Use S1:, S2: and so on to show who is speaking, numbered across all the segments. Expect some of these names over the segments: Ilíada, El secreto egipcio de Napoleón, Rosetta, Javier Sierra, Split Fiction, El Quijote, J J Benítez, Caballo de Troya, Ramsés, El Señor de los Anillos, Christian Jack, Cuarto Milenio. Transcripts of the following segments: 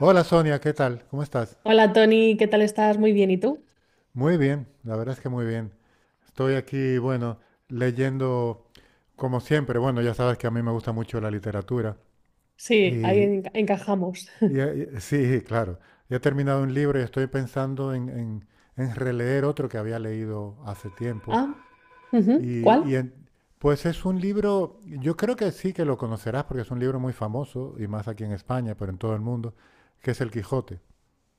S1: Hola Sonia, ¿qué tal? ¿Cómo estás?
S2: Hola Tony, ¿qué tal estás? Muy bien, ¿y tú?
S1: Muy bien, la verdad es que muy bien. Estoy aquí, bueno, leyendo como siempre. Bueno, ya sabes que a mí me gusta mucho la literatura.
S2: Sí, ahí
S1: Y,
S2: encajamos.
S1: y, eh, sí, claro. Ya he terminado un libro y estoy pensando en, en releer otro que había leído hace tiempo.
S2: Ah, ujú,
S1: Y, y
S2: ¿cuál?
S1: en- pues es un libro, yo creo que sí que lo conocerás porque es un libro muy famoso, y más aquí en España, pero en todo el mundo, que es El Quijote.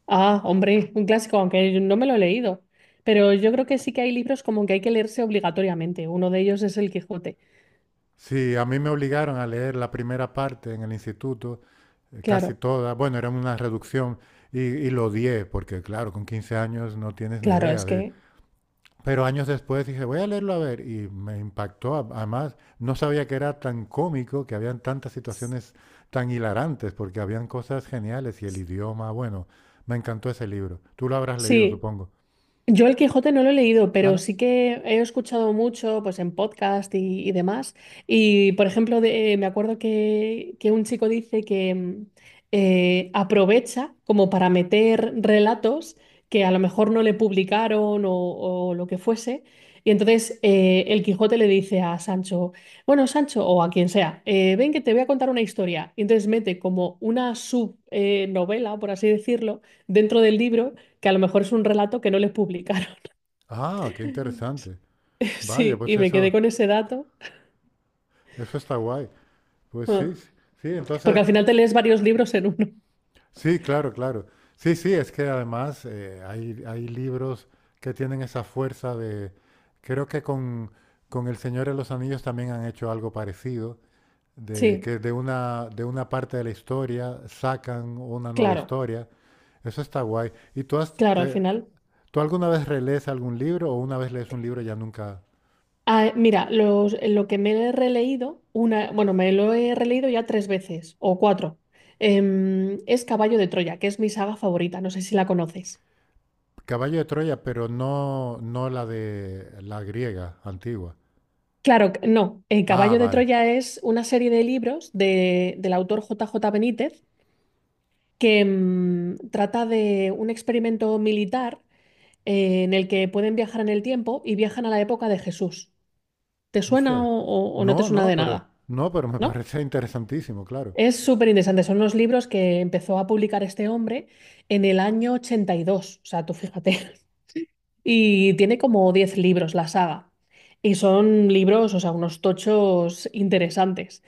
S2: Ah, hombre, un clásico, aunque yo no me lo he leído. Pero yo creo que sí que hay libros como que hay que leerse obligatoriamente. Uno de ellos es El Quijote.
S1: Sí, a mí me obligaron a leer la primera parte en el instituto, casi
S2: Claro,
S1: toda, bueno, era una reducción y lo odié, porque claro, con 15 años no tienes ni
S2: claro,
S1: idea
S2: es
S1: de.
S2: que
S1: Pero años después dije, voy a leerlo a ver, y me impactó, además no sabía que era tan cómico, que habían tantas situaciones tan hilarantes, porque habían cosas geniales y el idioma, bueno, me encantó ese libro. Tú lo habrás leído,
S2: sí.
S1: supongo.
S2: Yo el Quijote no lo he leído,
S1: Ah,
S2: pero
S1: ¿no?
S2: sí que he escuchado mucho pues en podcast y demás. Y por ejemplo, me acuerdo que un chico dice que aprovecha como para meter relatos que a lo mejor no le publicaron o lo que fuese. Y entonces el Quijote le dice a Sancho, bueno, Sancho, o a quien sea, ven que te voy a contar una historia. Y entonces mete como una subnovela, por así decirlo, dentro del libro que a lo mejor es un relato que no les publicaron.
S1: Ah, qué interesante. Vaya,
S2: Sí,
S1: pues
S2: y me quedé
S1: eso,
S2: con ese dato.
S1: eso está guay. Pues
S2: Ah,
S1: sí, sí, sí,
S2: porque
S1: entonces.
S2: al final te lees varios libros en uno.
S1: Sí, claro, claro. Sí, sí, es que además hay libros que tienen esa fuerza de. Creo que con El Señor de los Anillos también han hecho algo parecido, de
S2: Sí,
S1: que de una parte de la historia sacan una nueva
S2: claro,
S1: historia. Eso está guay. ¿Y tú,
S2: claro, al final.
S1: tú alguna vez relees algún libro o una vez lees un libro y ya nunca?
S2: Ah, mira, lo que me he releído, una, bueno, me lo he releído ya tres veces o cuatro, es Caballo de Troya, que es mi saga favorita, no sé si la conoces.
S1: Caballo de Troya, pero no, no la de la griega antigua.
S2: Claro, no, el
S1: Ah,
S2: Caballo de
S1: vale.
S2: Troya es una serie de libros del autor J J Benítez que trata de un experimento militar en el que pueden viajar en el tiempo y viajan a la época de Jesús. ¿Te suena o,
S1: Hostia.
S2: o no te
S1: No,
S2: suena
S1: no,
S2: de
S1: pero
S2: nada?
S1: no, pero me
S2: ¿No?
S1: parece interesantísimo, claro.
S2: Es súper interesante. Son unos libros que empezó a publicar este hombre en el año 82. O sea, tú fíjate. Y tiene como 10 libros la saga. Y son libros, o sea, unos tochos interesantes.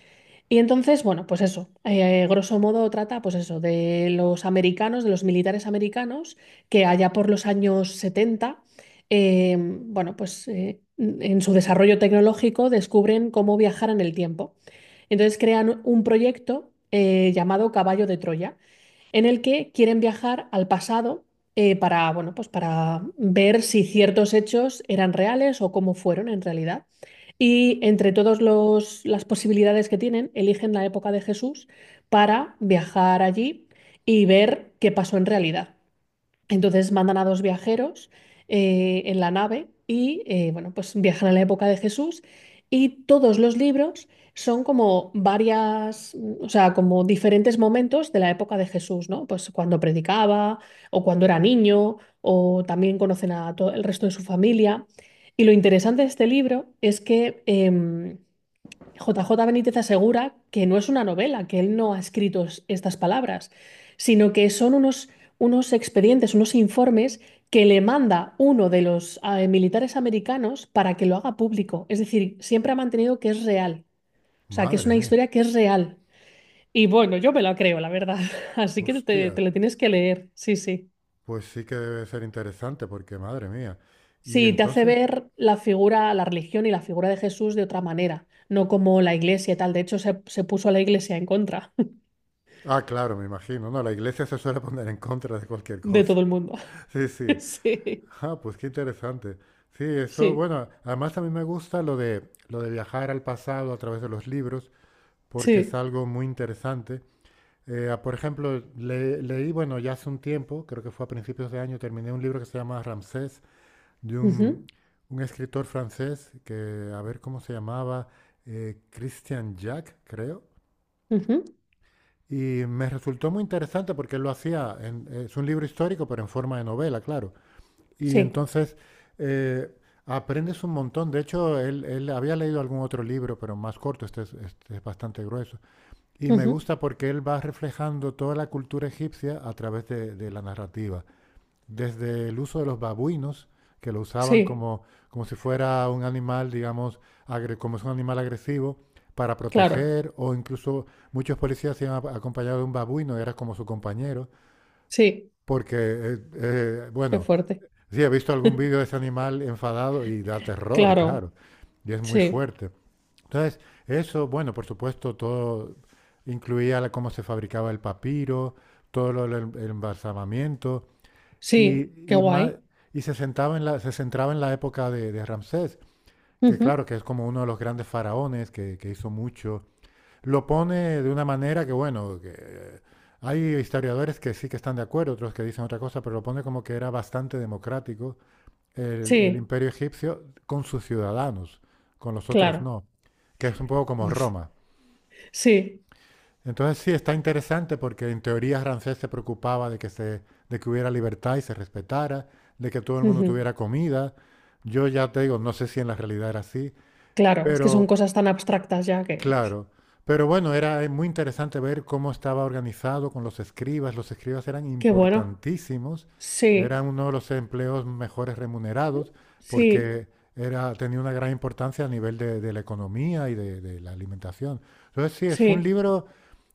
S2: Y entonces, bueno, pues eso, grosso modo trata, pues eso, de los americanos, de los militares americanos, que allá por los años 70, eh, bueno, pues en su desarrollo tecnológico descubren cómo viajar en el tiempo. Entonces crean un proyecto llamado Caballo de Troya, en el que quieren viajar al pasado para, bueno, pues para ver si ciertos hechos eran reales o cómo fueron en realidad. Y entre todas las posibilidades que tienen, eligen la época de Jesús para viajar allí y ver qué pasó en realidad. Entonces mandan a dos viajeros en la nave y bueno, pues viajan a la época de Jesús, y todos los libros son como varias, o sea, como diferentes momentos de la época de Jesús, ¿no? Pues cuando predicaba o cuando era niño, o también conocen a todo el resto de su familia. Y lo interesante de este libro es que JJ Benítez asegura que no es una novela, que él no ha escrito estas palabras, sino que son unos, expedientes, unos informes que le manda uno de los militares americanos para que lo haga público. Es decir, siempre ha mantenido que es real, o sea, que es
S1: Madre
S2: una
S1: mía.
S2: historia que es real. Y bueno, yo me la creo, la verdad. Así que te
S1: Hostia.
S2: lo tienes que leer, sí, sí.
S1: Pues sí que debe ser interesante, porque madre mía. Y
S2: Sí, te hace
S1: entonces,
S2: ver la figura, la religión y la figura de Jesús de otra manera, no como la iglesia y tal. De hecho, se puso a la iglesia en contra
S1: ah, claro, me imagino. No, la iglesia se suele poner en contra de cualquier
S2: de
S1: cosa.
S2: todo el mundo.
S1: Sí, sí.
S2: Sí,
S1: Ah, pues qué interesante. Sí, eso,
S2: sí,
S1: bueno, además a mí me gusta lo de viajar al pasado a través de los libros, porque es
S2: sí.
S1: algo muy interesante. Ah, por ejemplo, leí, bueno, ya hace un tiempo, creo que fue a principios de año, terminé un libro que se llama Ramsés de
S2: Ujú,
S1: un escritor francés que, a ver cómo se llamaba, Christian Jack, creo.
S2: ujú,
S1: Y me resultó muy interesante porque él lo hacía, es un libro histórico, pero en forma de novela, claro. Y
S2: sí,
S1: entonces eh, aprendes un montón. De hecho, él había leído algún otro libro, pero más corto, este es bastante grueso. Y me
S2: ujú,
S1: gusta porque él va reflejando toda la cultura egipcia a través de la narrativa desde el uso de los babuinos, que lo usaban
S2: sí,
S1: como si fuera un animal, digamos, como es un animal agresivo, para
S2: claro,
S1: proteger, o incluso muchos policías se han acompañado de un babuino, era como su compañero,
S2: sí,
S1: porque,
S2: qué
S1: bueno,
S2: fuerte.
S1: sí, he visto algún vídeo de ese animal enfadado y da terror,
S2: Claro,
S1: claro, y es muy
S2: sí,
S1: fuerte. Entonces, eso, bueno, por supuesto, todo incluía cómo se fabricaba el papiro, todo lo del embalsamamiento,
S2: sí, qué
S1: más,
S2: guay.
S1: sentaba en se centraba en la época de Ramsés, que
S2: Ujú,
S1: claro, que es como uno de los grandes faraones que hizo mucho. Lo pone de una manera que, bueno, que, hay historiadores que sí que están de acuerdo, otros que dicen otra cosa, pero lo pone como que era bastante democrático el
S2: sí,
S1: imperio egipcio con sus ciudadanos, con los otros
S2: claro,
S1: no, que es un poco como Roma.
S2: sí,
S1: Entonces sí, está interesante porque en teoría Ramsés se preocupaba de que hubiera libertad y se respetara, de que todo el mundo
S2: ujú,
S1: tuviera comida. Yo ya te digo, no sé si en la realidad era así,
S2: claro, es que son
S1: pero
S2: cosas tan abstractas ya, que,
S1: claro. Pero bueno, era muy interesante ver cómo estaba organizado con los escribas. Los escribas eran
S2: qué bueno.
S1: importantísimos,
S2: Sí,
S1: eran uno de los empleos mejores remunerados
S2: sí,
S1: porque tenía una gran importancia a nivel de la economía y de la alimentación. Entonces sí, fue un
S2: sí,
S1: libro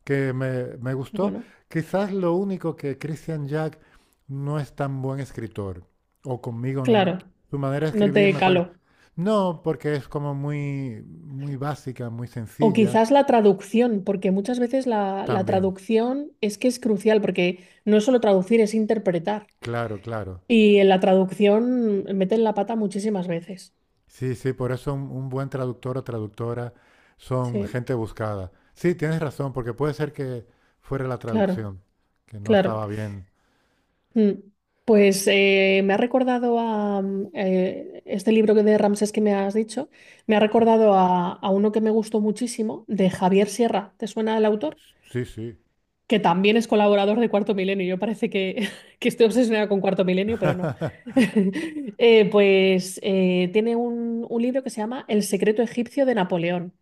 S1: que me
S2: qué
S1: gustó.
S2: bueno.
S1: Quizás lo único que Christian Jack no es tan buen escritor, o conmigo,
S2: Claro,
S1: su manera de
S2: no
S1: escribir
S2: te
S1: me parece.
S2: calo.
S1: No, porque es como muy, muy básica, muy
S2: O
S1: sencilla.
S2: quizás la traducción, porque muchas veces la
S1: También,
S2: traducción es que es crucial, porque no es solo traducir, es interpretar.
S1: claro, claro.
S2: Y en la traducción meten la pata muchísimas veces.
S1: Sí, sí, por eso un buen traductor o traductora son
S2: Sí,
S1: gente buscada. Sí, tienes razón, porque puede ser que fuera la
S2: claro,
S1: traducción, que no
S2: claro.
S1: estaba bien.
S2: Mm. Pues me ha recordado a, este libro que de Ramsés que me has dicho, me ha recordado a uno que me gustó muchísimo, de Javier Sierra. ¿Te suena el autor?
S1: Sí, sí.
S2: Que también es colaborador de Cuarto Milenio. Yo parece que, que estoy obsesionada con Cuarto Milenio, pero no. Pues tiene un libro que se llama El secreto egipcio de Napoleón.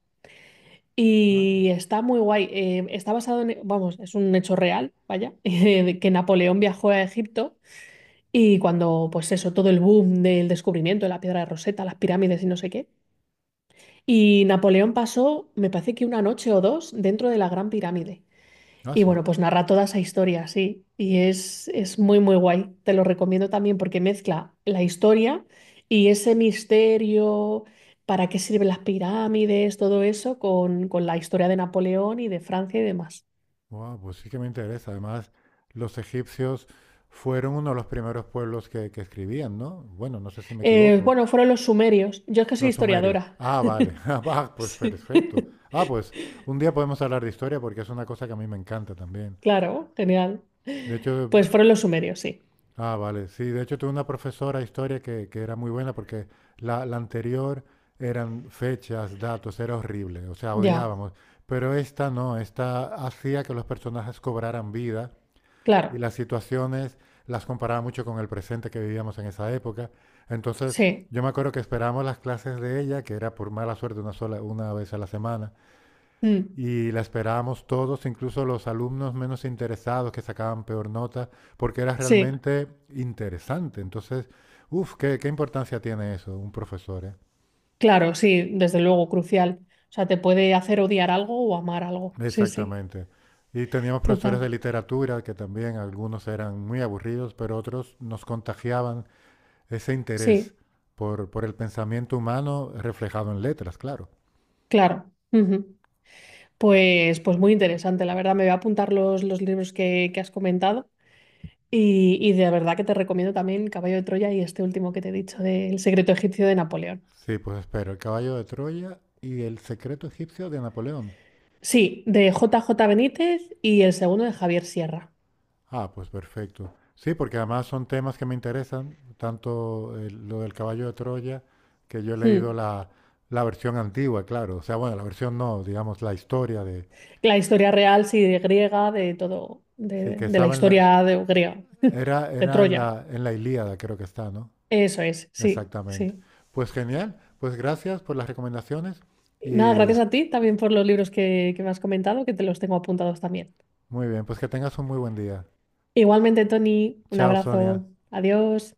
S1: Ah,
S2: Y está muy guay. Está basado en, vamos, es un hecho real, vaya, de que Napoleón viajó a Egipto y, cuando, pues eso, todo el boom del descubrimiento de la piedra de Rosetta, las pirámides y no sé qué. Y Napoleón pasó, me parece que una noche o dos, dentro de la Gran Pirámide.
S1: ah,
S2: Y
S1: sí.
S2: bueno, pues narra toda esa historia, sí. Y es muy, muy guay. Te lo recomiendo también porque mezcla la historia y ese misterio, para qué sirven las pirámides, todo eso, con, la historia de Napoleón y de Francia y demás.
S1: Wow, pues sí que me interesa. Además, los egipcios fueron uno de los primeros pueblos que escribían, ¿no? Bueno, no sé si me
S2: Eh,
S1: equivoco.
S2: bueno, fueron los sumerios. Yo es que soy
S1: Los sumerios.
S2: historiadora.
S1: Ah, vale. Ah, va, pues
S2: Sí.
S1: perfecto. Ah, pues un día podemos hablar de historia porque es una cosa que a mí me encanta también.
S2: Claro, genial.
S1: De hecho,
S2: Pues fueron los sumerios, sí.
S1: ah, vale. Sí, de hecho tuve una profesora de historia que era muy buena porque la anterior eran fechas, datos, era horrible. O sea,
S2: Ya,
S1: odiábamos. Pero esta no, esta hacía que los personajes cobraran vida y
S2: claro.
S1: las situaciones las comparaba mucho con el presente que vivíamos en esa época. Entonces,
S2: Sí.
S1: yo me acuerdo que esperábamos las clases de ella, que era por mala suerte una sola una vez a la semana,
S2: Mm.
S1: y la esperábamos todos, incluso los alumnos menos interesados que sacaban peor nota, porque era
S2: Sí.
S1: realmente interesante. Entonces, uff, ¿qué importancia tiene eso, un profesor, ¿eh?
S2: Claro, sí, desde luego, crucial. O sea, te puede hacer odiar algo o amar algo. Sí, sí,
S1: Exactamente. Y teníamos profesores de
S2: total.
S1: literatura que también algunos eran muy aburridos, pero otros nos contagiaban ese interés
S2: Sí,
S1: por el pensamiento humano reflejado en letras, claro.
S2: claro. Ujú. Pues muy interesante, la verdad. Me voy a apuntar los libros que has comentado, y de verdad que te recomiendo también Caballo de Troya y este último que te he dicho, de El secreto egipcio de Napoleón.
S1: Sí, pues espero, el caballo de Troya y el secreto egipcio de Napoleón.
S2: Sí, de J J Benítez, y el segundo de Javier Sierra.
S1: Ah, pues perfecto. Sí, porque además son temas que me interesan, tanto lo del caballo de Troya, que yo he leído
S2: Mm.
S1: la versión antigua, claro. O sea, bueno, la versión no, digamos, la historia de.
S2: La historia real, sí, de griega, de todo,
S1: Sí,
S2: de,
S1: que
S2: de la
S1: estaba en la.
S2: historia de, griega,
S1: Era,
S2: de
S1: era en
S2: Troya.
S1: la Ilíada, creo que está, ¿no?
S2: Eso es, sí,
S1: Exactamente.
S2: sí.
S1: Pues genial, pues gracias por las recomendaciones
S2: Nada,
S1: y
S2: gracias a ti también por los libros que me has comentado, que te los tengo apuntados también.
S1: muy bien, pues que tengas un muy buen día.
S2: Igualmente, Tony, un
S1: Chao, Sonia.
S2: abrazo. Adiós.